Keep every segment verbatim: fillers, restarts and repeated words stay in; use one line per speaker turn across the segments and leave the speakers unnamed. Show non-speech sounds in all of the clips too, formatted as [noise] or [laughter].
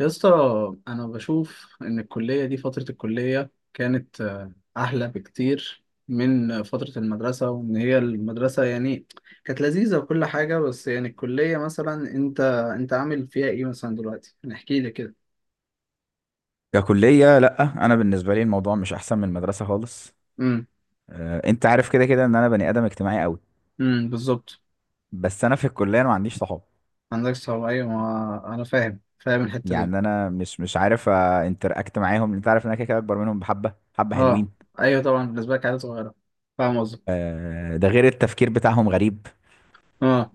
يا اسطى، انا بشوف ان الكليه دي فتره الكليه كانت آه، احلى بكتير من آه، فتره المدرسه. وان هي المدرسه يعني كانت لذيذه وكل حاجه. بس يعني الكليه مثلا انت انت عامل فيها ايه مثلا دلوقتي؟ نحكي لي كده.
ككلية لأ، أنا بالنسبة لي الموضوع مش أحسن من المدرسة خالص.
امم
آه، أنت عارف كده كده إن أنا بني آدم اجتماعي أوي.
امم بالظبط.
بس أنا في الكلية أنا ما عنديش صحاب.
عندك صعوبه، ايوه، ما انا فاهم فاهم الحته دي.
يعني أنا مش مش عارف انتراكت معاهم، أنت عارف إن أنا كده كده أكبر منهم بحبة حبة
اه،
حلوين.
ايوه طبعا، بالنسبه لك عيله صغيره. فاهم قصدك.
آه، ده غير التفكير بتاعهم غريب.
اه.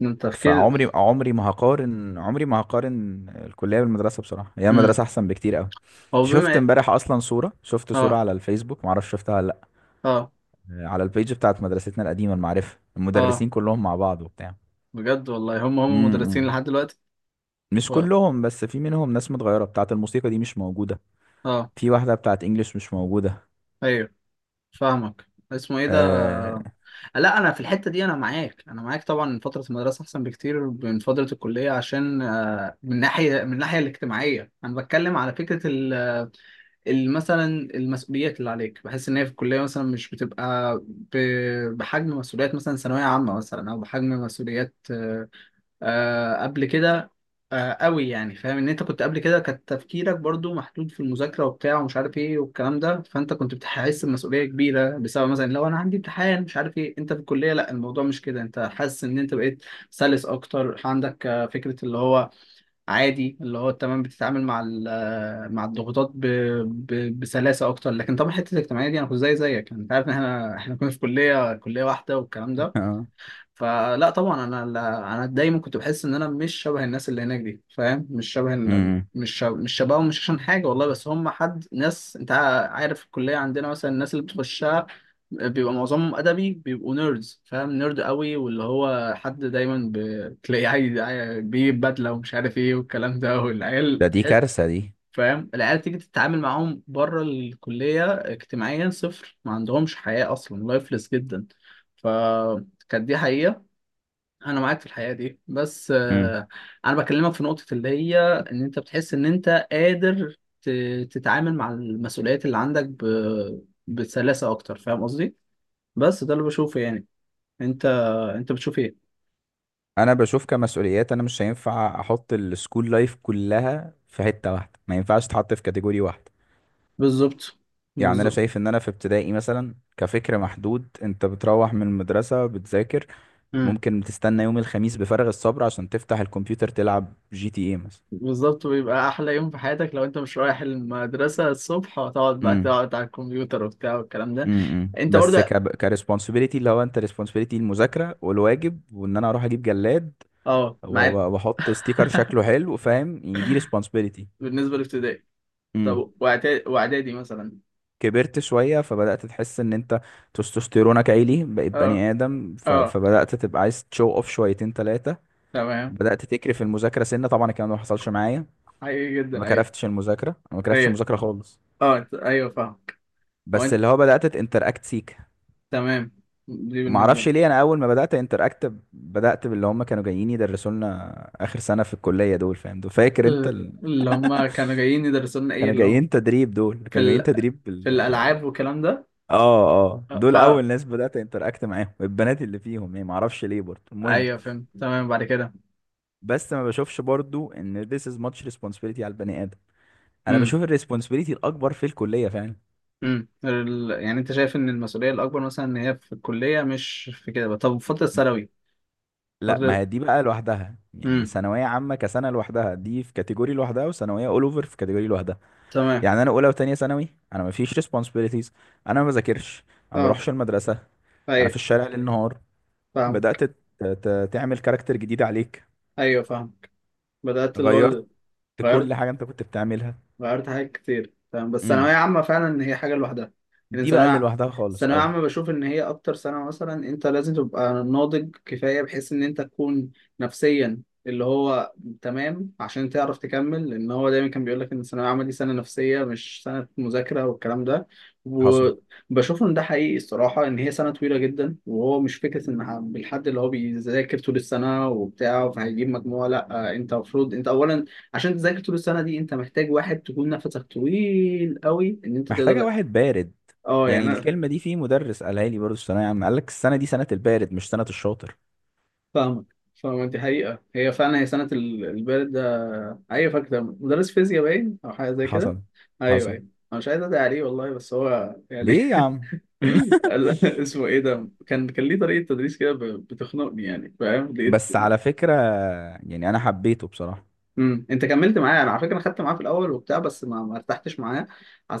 من تفكير.
فعمري عمري ما هقارن عمري ما هقارن الكلية بالمدرسة، بصراحة هي
امم
المدرسة أحسن بكتير أوي.
هو
شفت
بما.
امبارح أصلا صورة، شفت صورة
اه.
على الفيسبوك، معرفش شفتها ولا لأ.
اه.
آه، على البيج بتاعت مدرستنا القديمة المعرفة
اه،
المدرسين كلهم مع بعض وبتاع.
بجد والله. هم هم
امم،
مدرسين
امم.
لحد دلوقتي.
مش
و...
كلهم، بس في منهم ناس متغيرة، بتاعة الموسيقى دي مش موجودة،
اه،
في واحدة بتاعة انجلش مش موجودة.
ايوه فاهمك. اسمه ايه ده؟
آه...
لا، انا في الحته دي انا معاك. انا معاك طبعا فتره المدرسه احسن بكتير من فتره الكليه عشان آه، من ناحيه من الناحيه الاجتماعيه. انا بتكلم على فكره ال ال- مثلا المسؤوليات اللي عليك، بحس ان هي في الكليه مثلا مش بتبقى ب- بحجم مسؤوليات مثلا ثانويه عامه، مثلا، او بحجم مسؤوليات آه، آه قبل كده. آه قوي يعني. فاهم ان انت كنت قبل كده كان تفكيرك برضو محدود في المذاكره وبتاع ومش عارف ايه والكلام ده، فانت كنت بتحس بمسؤوليه كبيره بسبب مثلا لو انا عندي امتحان مش عارف ايه. انت في الكليه لا، الموضوع مش كده. انت حاسس ان انت بقيت سلس اكتر. عندك آه، فكره اللي هو عادي، اللي هو تمام. بتتعامل مع ال- آه، مع الضغوطات ب... ب... بسلاسه اكتر. لكن طبعا حته الاجتماعيه دي انا كنت زي زيك. يعني انت عارف ان احنا احنا كنا في كليه كليه واحده والكلام
[laughs]
ده.
آه.
فلا طبعا انا انا دايما كنت بحس ان انا مش شبه الناس اللي هناك دي. فاهم؟ مش شبه ال-
امم.
مش شبه مش شبههم مش عشان حاجه والله، بس هم حد ناس. انت عارف الكليه عندنا مثلا الناس اللي بتخشها بيبقى معظمهم ادبي، بيبقوا نيردز. فاهم؟ نيرد قوي. واللي هو حد دايما ب- تلاقيه عايز عاي- بيجيب بدله ومش عارف ايه والكلام ده.
ده
والعيال
دي
تح-
كارثة دي.
فاهم؟ العيال تيجي تتعامل معاهم بره الكليه اجتماعيا صفر. ما عندهمش حياه اصلا، لايفلس جدا. ف... كانت دي حقيقة. انا معاك في الحقيقه دي. بس
امم
آه، انا بكلمك في نقطه اللي هي ان انت بتحس ان انت قادر ت- تتعامل مع المسؤوليات اللي عندك ب- بسلاسه اكتر. فاهم قصدي؟ بس ده اللي بشوفه يعني. انت انت بتشوف ايه؟
انا بشوف كمسؤوليات، انا مش هينفع احط السكول لايف كلها في حتة واحدة، ما ينفعش تحط في كاتيجوري واحدة.
بالظبط.
يعني انا
بالظبط.
شايف ان انا في ابتدائي مثلا كفكر محدود، انت بتروح من المدرسة بتذاكر،
امم
ممكن تستنى يوم الخميس بفارغ الصبر عشان تفتح الكمبيوتر تلعب جي تي اي مثلا.
بالظبط. بيبقى احلى يوم في حياتك لو انت مش رايح المدرسه الصبح، وتقعد بقى
امم
تقعد على الكمبيوتر وبتاع والكلام ده.
امم
انت
بس
برضه.
ك كريسبونسبيلتي، اللي هو انت ريسبونسبيلتي المذاكره والواجب، وان انا اروح اجيب جلاد
اه،
و-
معاك.
واحط ستيكر
[laughs]
شكله حلو، فاهم؟ يعني دي ريسبونسبيلتي.
بالنسبه لابتدائي.
امم
طب واعدادي، وإعدادي مثلا.
كبرت شويه فبدات تحس ان انت تستوستيرونك عالي، بقيت
اه.
بني ادم، ف...
اه.
فبدات تبقى عايز تشو اوف شويتين ثلاثه،
تمام.
بدات تكرف المذاكره سنه. طبعا الكلام ده ما حصلش معايا،
حقيقي
ما
جدا، ايوه.
كرفتش المذاكره أنا ما كرفتش
ايوه.
المذاكره خالص،
اه، أنت- ايوه، فاهمك. هو
بس
انت.
اللي هو بدات تنتراكت سيك.
تمام. دي
ما
بالنسبه
اعرفش
لي.
ليه، انا اول ما بدات انتراكت بدات باللي هم كانوا جايين يدرسوا لنا اخر سنه في الكليه دول، فاهم؟ دول فاكر انت
ال-
ال...
اللي هم كانوا جايين يدرسوا لنا ايه
كانوا
اللي هم
جايين تدريب، دول
في
كانوا جايين
ال...
تدريب
في
بال...
الالعاب والكلام ده.
اه، اه،
آه، ف...
دول اول ناس بدات انتراكت معاهم، البنات اللي فيهم يعني، ما اعرفش ليه برضه، المهم.
ايوه، فهمت. تمام. بعد كده.
بس ما بشوفش برضه ان this is much responsibility على البني ادم، انا
امم
بشوف الريسبونسبيلتي الاكبر في الكليه فعلا.
امم ال... يعني انت شايف ان المسؤوليه الاكبر مثلا ان هي في الكليه، مش في كده بقى. طب فتره الثانوي.
لا، ما
فتره.
هي دي بقى لوحدها، يعني
امم
ثانويه عامه كسنه لوحدها دي في كاتيجوري لوحدها، وثانويه اول اوفر في كاتيجوري لوحدها.
تمام.
يعني انا اولى وتانية ثانوي انا ما فيش responsibilities، انا ما بذاكرش، انا ما
اه،
بروحش المدرسه، انا في
ايوه
الشارع ليل نهار.
فاهمك.
بدات ت- ت- تعمل كاركتر جديد عليك،
ايوه فاهمك. بدات اللي هو
غيرت كل
غيرت.
حاجه انت كنت بتعملها.
غيرت حاجات كتير. تمام. بس ثانوية
امم
عامة فعلا هي حاجة لوحدها. يعني
دي بقى اللي
ثانوية،
لوحدها خالص،
الثانوية
اه.
عامة، بشوف إن هي أكتر سنة مثلا أنت لازم تبقى ناضج كفاية بحيث إن أنت تكون نفسيا، اللي هو تمام، عشان تعرف تكمل. لأن هو دايما كان بيقول لك إن الثانوية العامة دي سنة نفسية مش سنة مذاكرة والكلام ده.
حصل،
وبشوف إن ده حقيقي الصراحة. إن هي سنة طويلة جدا. وهو مش فكرة إن ح- بالحد اللي هو بيذاكر طول السنة وبتاع فهيجيب مجموعة. لأ، أنت المفروض أنت أولا عشان تذاكر طول السنه دي انت محتاج واحد تكون نفسك طويل قوي ان انت تقدر
محتاجه
ده.
واحد بارد.
اه
يعني
يعني انا.
الكلمه دي في مدرس قالها لي برضه في الثانويه عامه، قال لك السنه دي سنه البارد مش سنه الشاطر.
فاهمك. فاهمك. دي حقيقه. هي فعلا هي سنه ال- البارد ده. ايوه. فاكر مدرس فيزياء باين او حاجه زي كده.
حصل.
ايوه،
حصل.
ايوه. انا مش عايز ادعي عليه والله، بس هو يعني.
ليه يا عم؟
[laughs]
[laughs]
قال- اسمه ايه ده؟ كان كان ليه طريقه تدريس كده ب- بتخنقني. يعني فاهم. لقيت.
بس على فكره، يعني انا حبيته بصراحه.
امم انت كملت معايا. انا على فكره خدت معاه في الاول وبتاع بس ما ما ارتحتش معاه.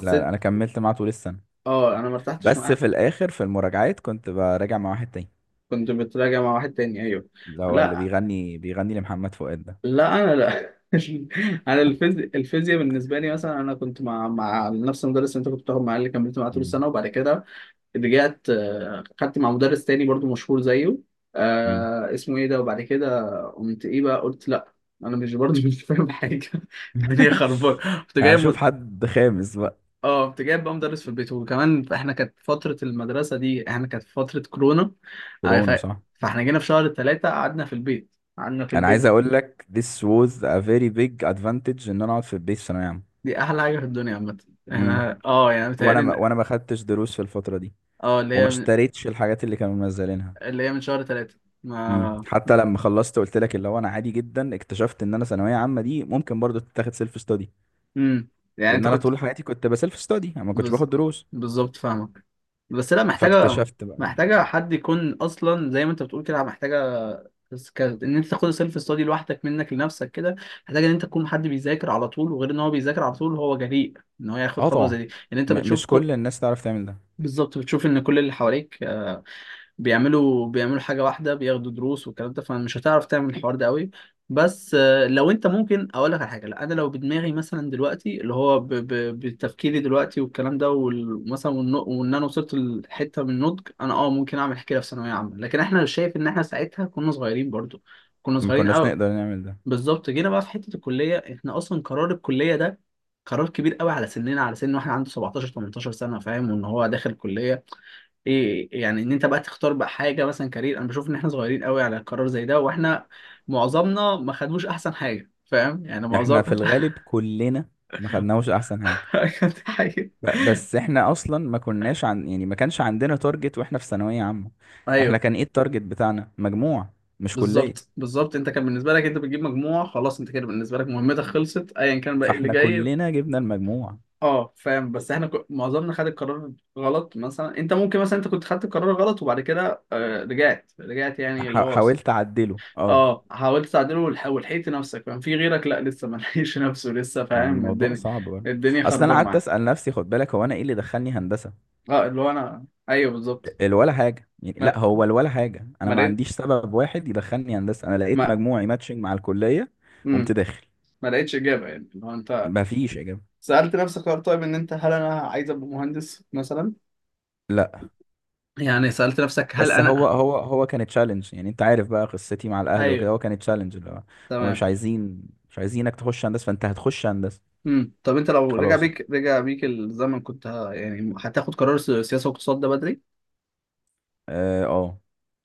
لا، لا، انا كملت معاه طول السنه،
اه، انا ما ارتحتش
بس
معاه.
في الاخر في المراجعات كنت براجع مع واحد تاني،
كنت بتراجع مع واحد تاني، ايوه.
اللي هو اللي
لا
بيغني بيغني لمحمد فؤاد ده.
لا، انا لا. [laughs] انا الفيزياء الفيزياء بالنسبه لي مثلا، انا كنت مع مع نفس المدرس اللي انت كنت بتاخد معاه، اللي كملت معاه طول
مم.
السنه. وبعد كده رجعت، آه، خدت مع مدرس تاني برضو مشهور زيه.
مم.
آه اسمه ايه ده. وبعد كده قمت ايه بقى، قلت لا، انا مش برضو. [laughs] مش فاهم حاجه. [laughs] الدنيا
[laughs]
خربانه. كنت جاي
هشوف
م...
حد خامس بقى.
اه، كنت جايب بقى مدرس في البيت. وكمان احنا كانت فتره المدرسه دي، احنا كانت فتره كورونا. آه، ف...
كورونا، صح.
فاحنا جينا في شهر ثلاثة قعدنا في البيت. قعدنا في
انا عايز
البيت.
اقول لك this was a very big advantage ان انا اقعد في البيت في ثانويه عامه.
دي احلى حاجه في الدنيا عامه.
مم.
احنا اه يعني
وانا
متهيألي
ما
ان.
وانا ما خدتش دروس في الفتره دي،
اه اللي
وما
هي من...
اشتريتش الحاجات اللي كانوا منزلينها.
اللي هي من شهر ثلاثة
مم.
ما.
حتى لما خلصت قلت لك اللي هو انا عادي جدا اكتشفت ان انا ثانويه عامه دي ممكن برضو تتاخد سيلف ستادي،
امم يعني
لان
انت
انا
كنت
طول حياتي كنت بسيلف ستادي، انا ما كنتش
بز...
باخد دروس.
بالظبط فاهمك. بس لا، محتاجه.
فاكتشفت بقى
محتاجه
إن-
حد يكون اصلا زي ما انت بتقول كده. محتاجه، بس ك... ان انت تاخد السيلف ستادي لوحدك منك لنفسك كده. محتاج ان انت تكون حد بيذاكر على طول. وغير ان هو بيذاكر على طول هو جريء ان هو ياخد
اه
خطوه زي
طبعا،
دي، ان انت
م
بتشوف
مش
كل...
كل الناس تعرف تعمل ده،
بالظبط. بتشوف ان كل اللي حواليك آه، بيعملوا بيعملوا حاجة واحدة، بياخدوا دروس والكلام ده. فمش هتعرف تعمل الحوار ده قوي. بس آه، لو انت ممكن اقول لك على حاجة، لا انا لو بدماغي مثلا دلوقتي، اللي هو ب- ب- بتفكيري دلوقتي والكلام ده وال- مثلا والن- وان انا وصلت لحتة من النضج، انا اه ممكن اعمل كده في ثانوية عامة. لكن احنا شايف ان احنا ساعتها كنا صغيرين برضو. كنا
ما
صغيرين
كناش
قوي.
نقدر نعمل ده.
بالظبط. جينا بقى في حتة الكلية، احنا اصلا قرار الكلية ده قرار كبير قوي على سننا، على سن واحد عنده سبعتاشر 18 سنة. فاهم؟ وان هو داخل كلية. ايه يعني ان انت بقى تختار بقى حاجه مثلا كارير. انا بشوف ان احنا صغيرين قوي على قرار زي ده. واحنا معظمنا ما خدوش احسن حاجه. فاهم يعني.
احنا
معظم...
في
[laughs]
الغالب كلنا ما خدناهوش احسن حاجة،
كانت حاجه.
ب- بس احنا اصلا ما كناش عن يعني ما كانش عندنا تارجت واحنا في ثانوية عامة. احنا
ايوه.
كان ايه التارجت بتاعنا؟ مجموع، مش كلية.
بالظبط. بالظبط. انت كان بالنسبه لك انت بتجيب مجموع خلاص. انت كده بالنسبه لك مهمتك خلصت، ايا كان بقى إيه اللي
فاحنا
جاي.
كلنا جبنا المجموع.
اه فاهم. بس احنا ك- معظمنا خد القرار غلط. مثلا انت ممكن، مثلا انت كنت خدت القرار غلط وبعد كده آه، رجعت رجعت يعني، اللي
ح-
هو.
حاولت اعدله، اه.
اه، حاولت تعدله والح- ولحقت نفسك. فاهم؟ في غيرك لا، لسه ما لحقش نفسه لسه.
مع
فاهم؟
الموضوع
الدنيا.
صعب برضه،
الدنيا
اصل انا
خربانه
قعدت
معاه.
اسال نفسي، خد بالك، هو انا ايه اللي دخلني هندسة؟
اه اللي هو انا ايوه بالظبط.
الولا حاجة، يعني
ما
لا، هو الولا حاجة. أنا
ما
ما
لقيت.
عنديش سبب واحد يدخلني هندسة، أنا لقيت
ما
مجموعي ماتشنج مع الكلية قمت
مم.
داخل.
ما لقيتش اجابه يعني. اللي هو انت
ما فيش إجابة.
سالت نفسك هل طيب ان انت هل انا عايز ابقى مهندس مثلا،
لا،
يعني سالت نفسك هل
بس هو
انا.
هو هو كان تشالنج، يعني أنت عارف بقى قصتي مع الأهل
ايوه
وكده، هو كان تشالنج اللي هو هما
تمام.
مش عايزين مش عايزينك تخش هندسة فأنت هتخش هندسة.
مم. طب انت لو رجع
خلاص،
بيك رجع بيك الزمن، كنت ه... يعني هتاخد قرار السياسه والاقتصاد ده بدري؟
أه، أه،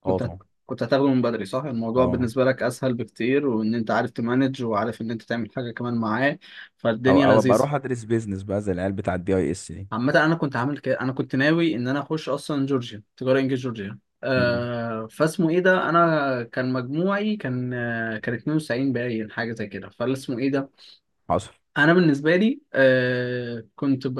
أه،
كنت هت-
طبعا،
كنت هتاخده من بدري، صح؟ الموضوع
أه.
بالنسبة لك أسهل بكتير، وإن أنت عارف تمانج، وعارف إن أنت تعمل حاجة كمان معاه.
أو
فالدنيا
أو أبقى
لذيذة.
أروح أدرس بيزنس بقى زي العيال بتاع الدي أي إس دي.
عامة أنا كنت عامل كده. أنا كنت ناوي إن أنا أخش أصلا جورجيا تجارة إنجليزي، جورجيا.
مم.
آه فاسمه إيه ده. أنا كان مجموعي كان آه كان اتنين وتسعين باين، حاجة زي كده. فالاسمه إيه ده.
حصل.
انا بالنسبه لي آه كنت ب...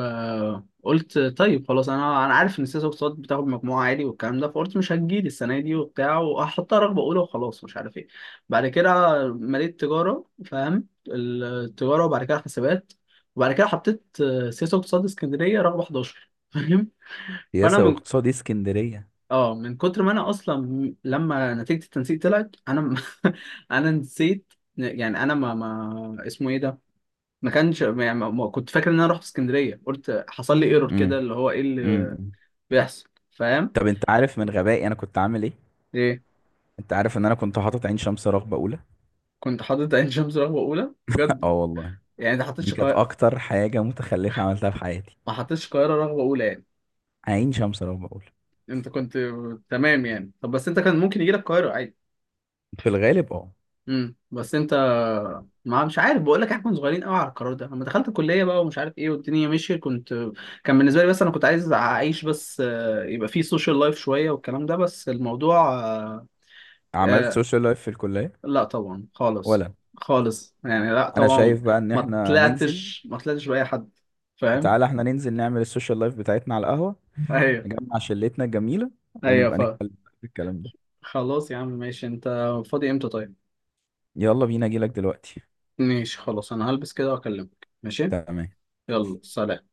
قلت طيب خلاص انا، انا عارف ان سياسه واقتصاد بتاخد مجموعه عالي والكلام ده. فقلت مش هتجيلي السنه دي وبتاع. وهحطها رغبه اولى وخلاص مش عارف ايه. بعد كده مليت تجاره. فاهم التجاره. وبعد كده حسابات. وبعد كده حطيت آه، سياسه واقتصاد اسكندريه رغبه حداشر. [laughs] فاهم. فانا
سياسة
من
واقتصاد إيه اسكندرية؟
اه من كتر ما انا اصلا لما نتيجه التنسيق طلعت انا. [laughs] انا نسيت، يعني انا ما ما اسمه ايه ده. ما كانش يعني ما ما- كنت فاكر ان انا رحت اسكندريه. قلت حصل لي ايرور كده،
مم.
اللي هو ايه اللي
مم.
بيحصل. فاهم؟
طب أنت عارف من غبائي أنا كنت عامل إيه؟
ايه؟
انت عارف ان انا كنت حاطط عين شمس رغبة اولى.
كنت حاطط عين شمس رغبه اولى؟
[laughs]
بجد؟
اه والله.
يعني انت
دي
حطيتش
كانت
قاهره؟
اكتر حاجة متخلفة عملتها في حياتي،
ما حطيتش القاهره رغبه اولى يعني؟
عين شمس رغبة اولى.
انت كنت. تمام يعني. طب بس انت كان ممكن يجي لك القاهره عادي.
في الغالب اه.
امم بس انت ما مش عارف، بقول لك احنا كنا صغيرين قوي على القرار ده. لما دخلت الكليه بقى ومش عارف ايه والدنيا مشيت. كنت. كان بالنسبه لي بس انا كنت عايز اعيش. بس آه، يبقى في سوشيال لايف شويه والكلام ده. بس الموضوع
عملت
آه،
سوشيال لايف في الكلية
لا، طبعا خالص.
ولا؟
خالص يعني. لا
انا
طبعا.
شايف بقى ان
ما
احنا ننزل،
طلعتش ما طلعتش بأي حد. فاهم.
تعالى احنا ننزل نعمل السوشيال لايف بتاعتنا على القهوة،
ايوه
نجمع شلتنا الجميلة
ايوه.
ونبقى
ف.
نتكلم في الكلام ده.
خلاص يا عم ماشي. انت فاضي امتى طيب؟
يلا بينا، اجيلك دلوقتي.
ماشي خلاص، انا هلبس كده واكلمك. ماشي.
تمام
يلا سلام.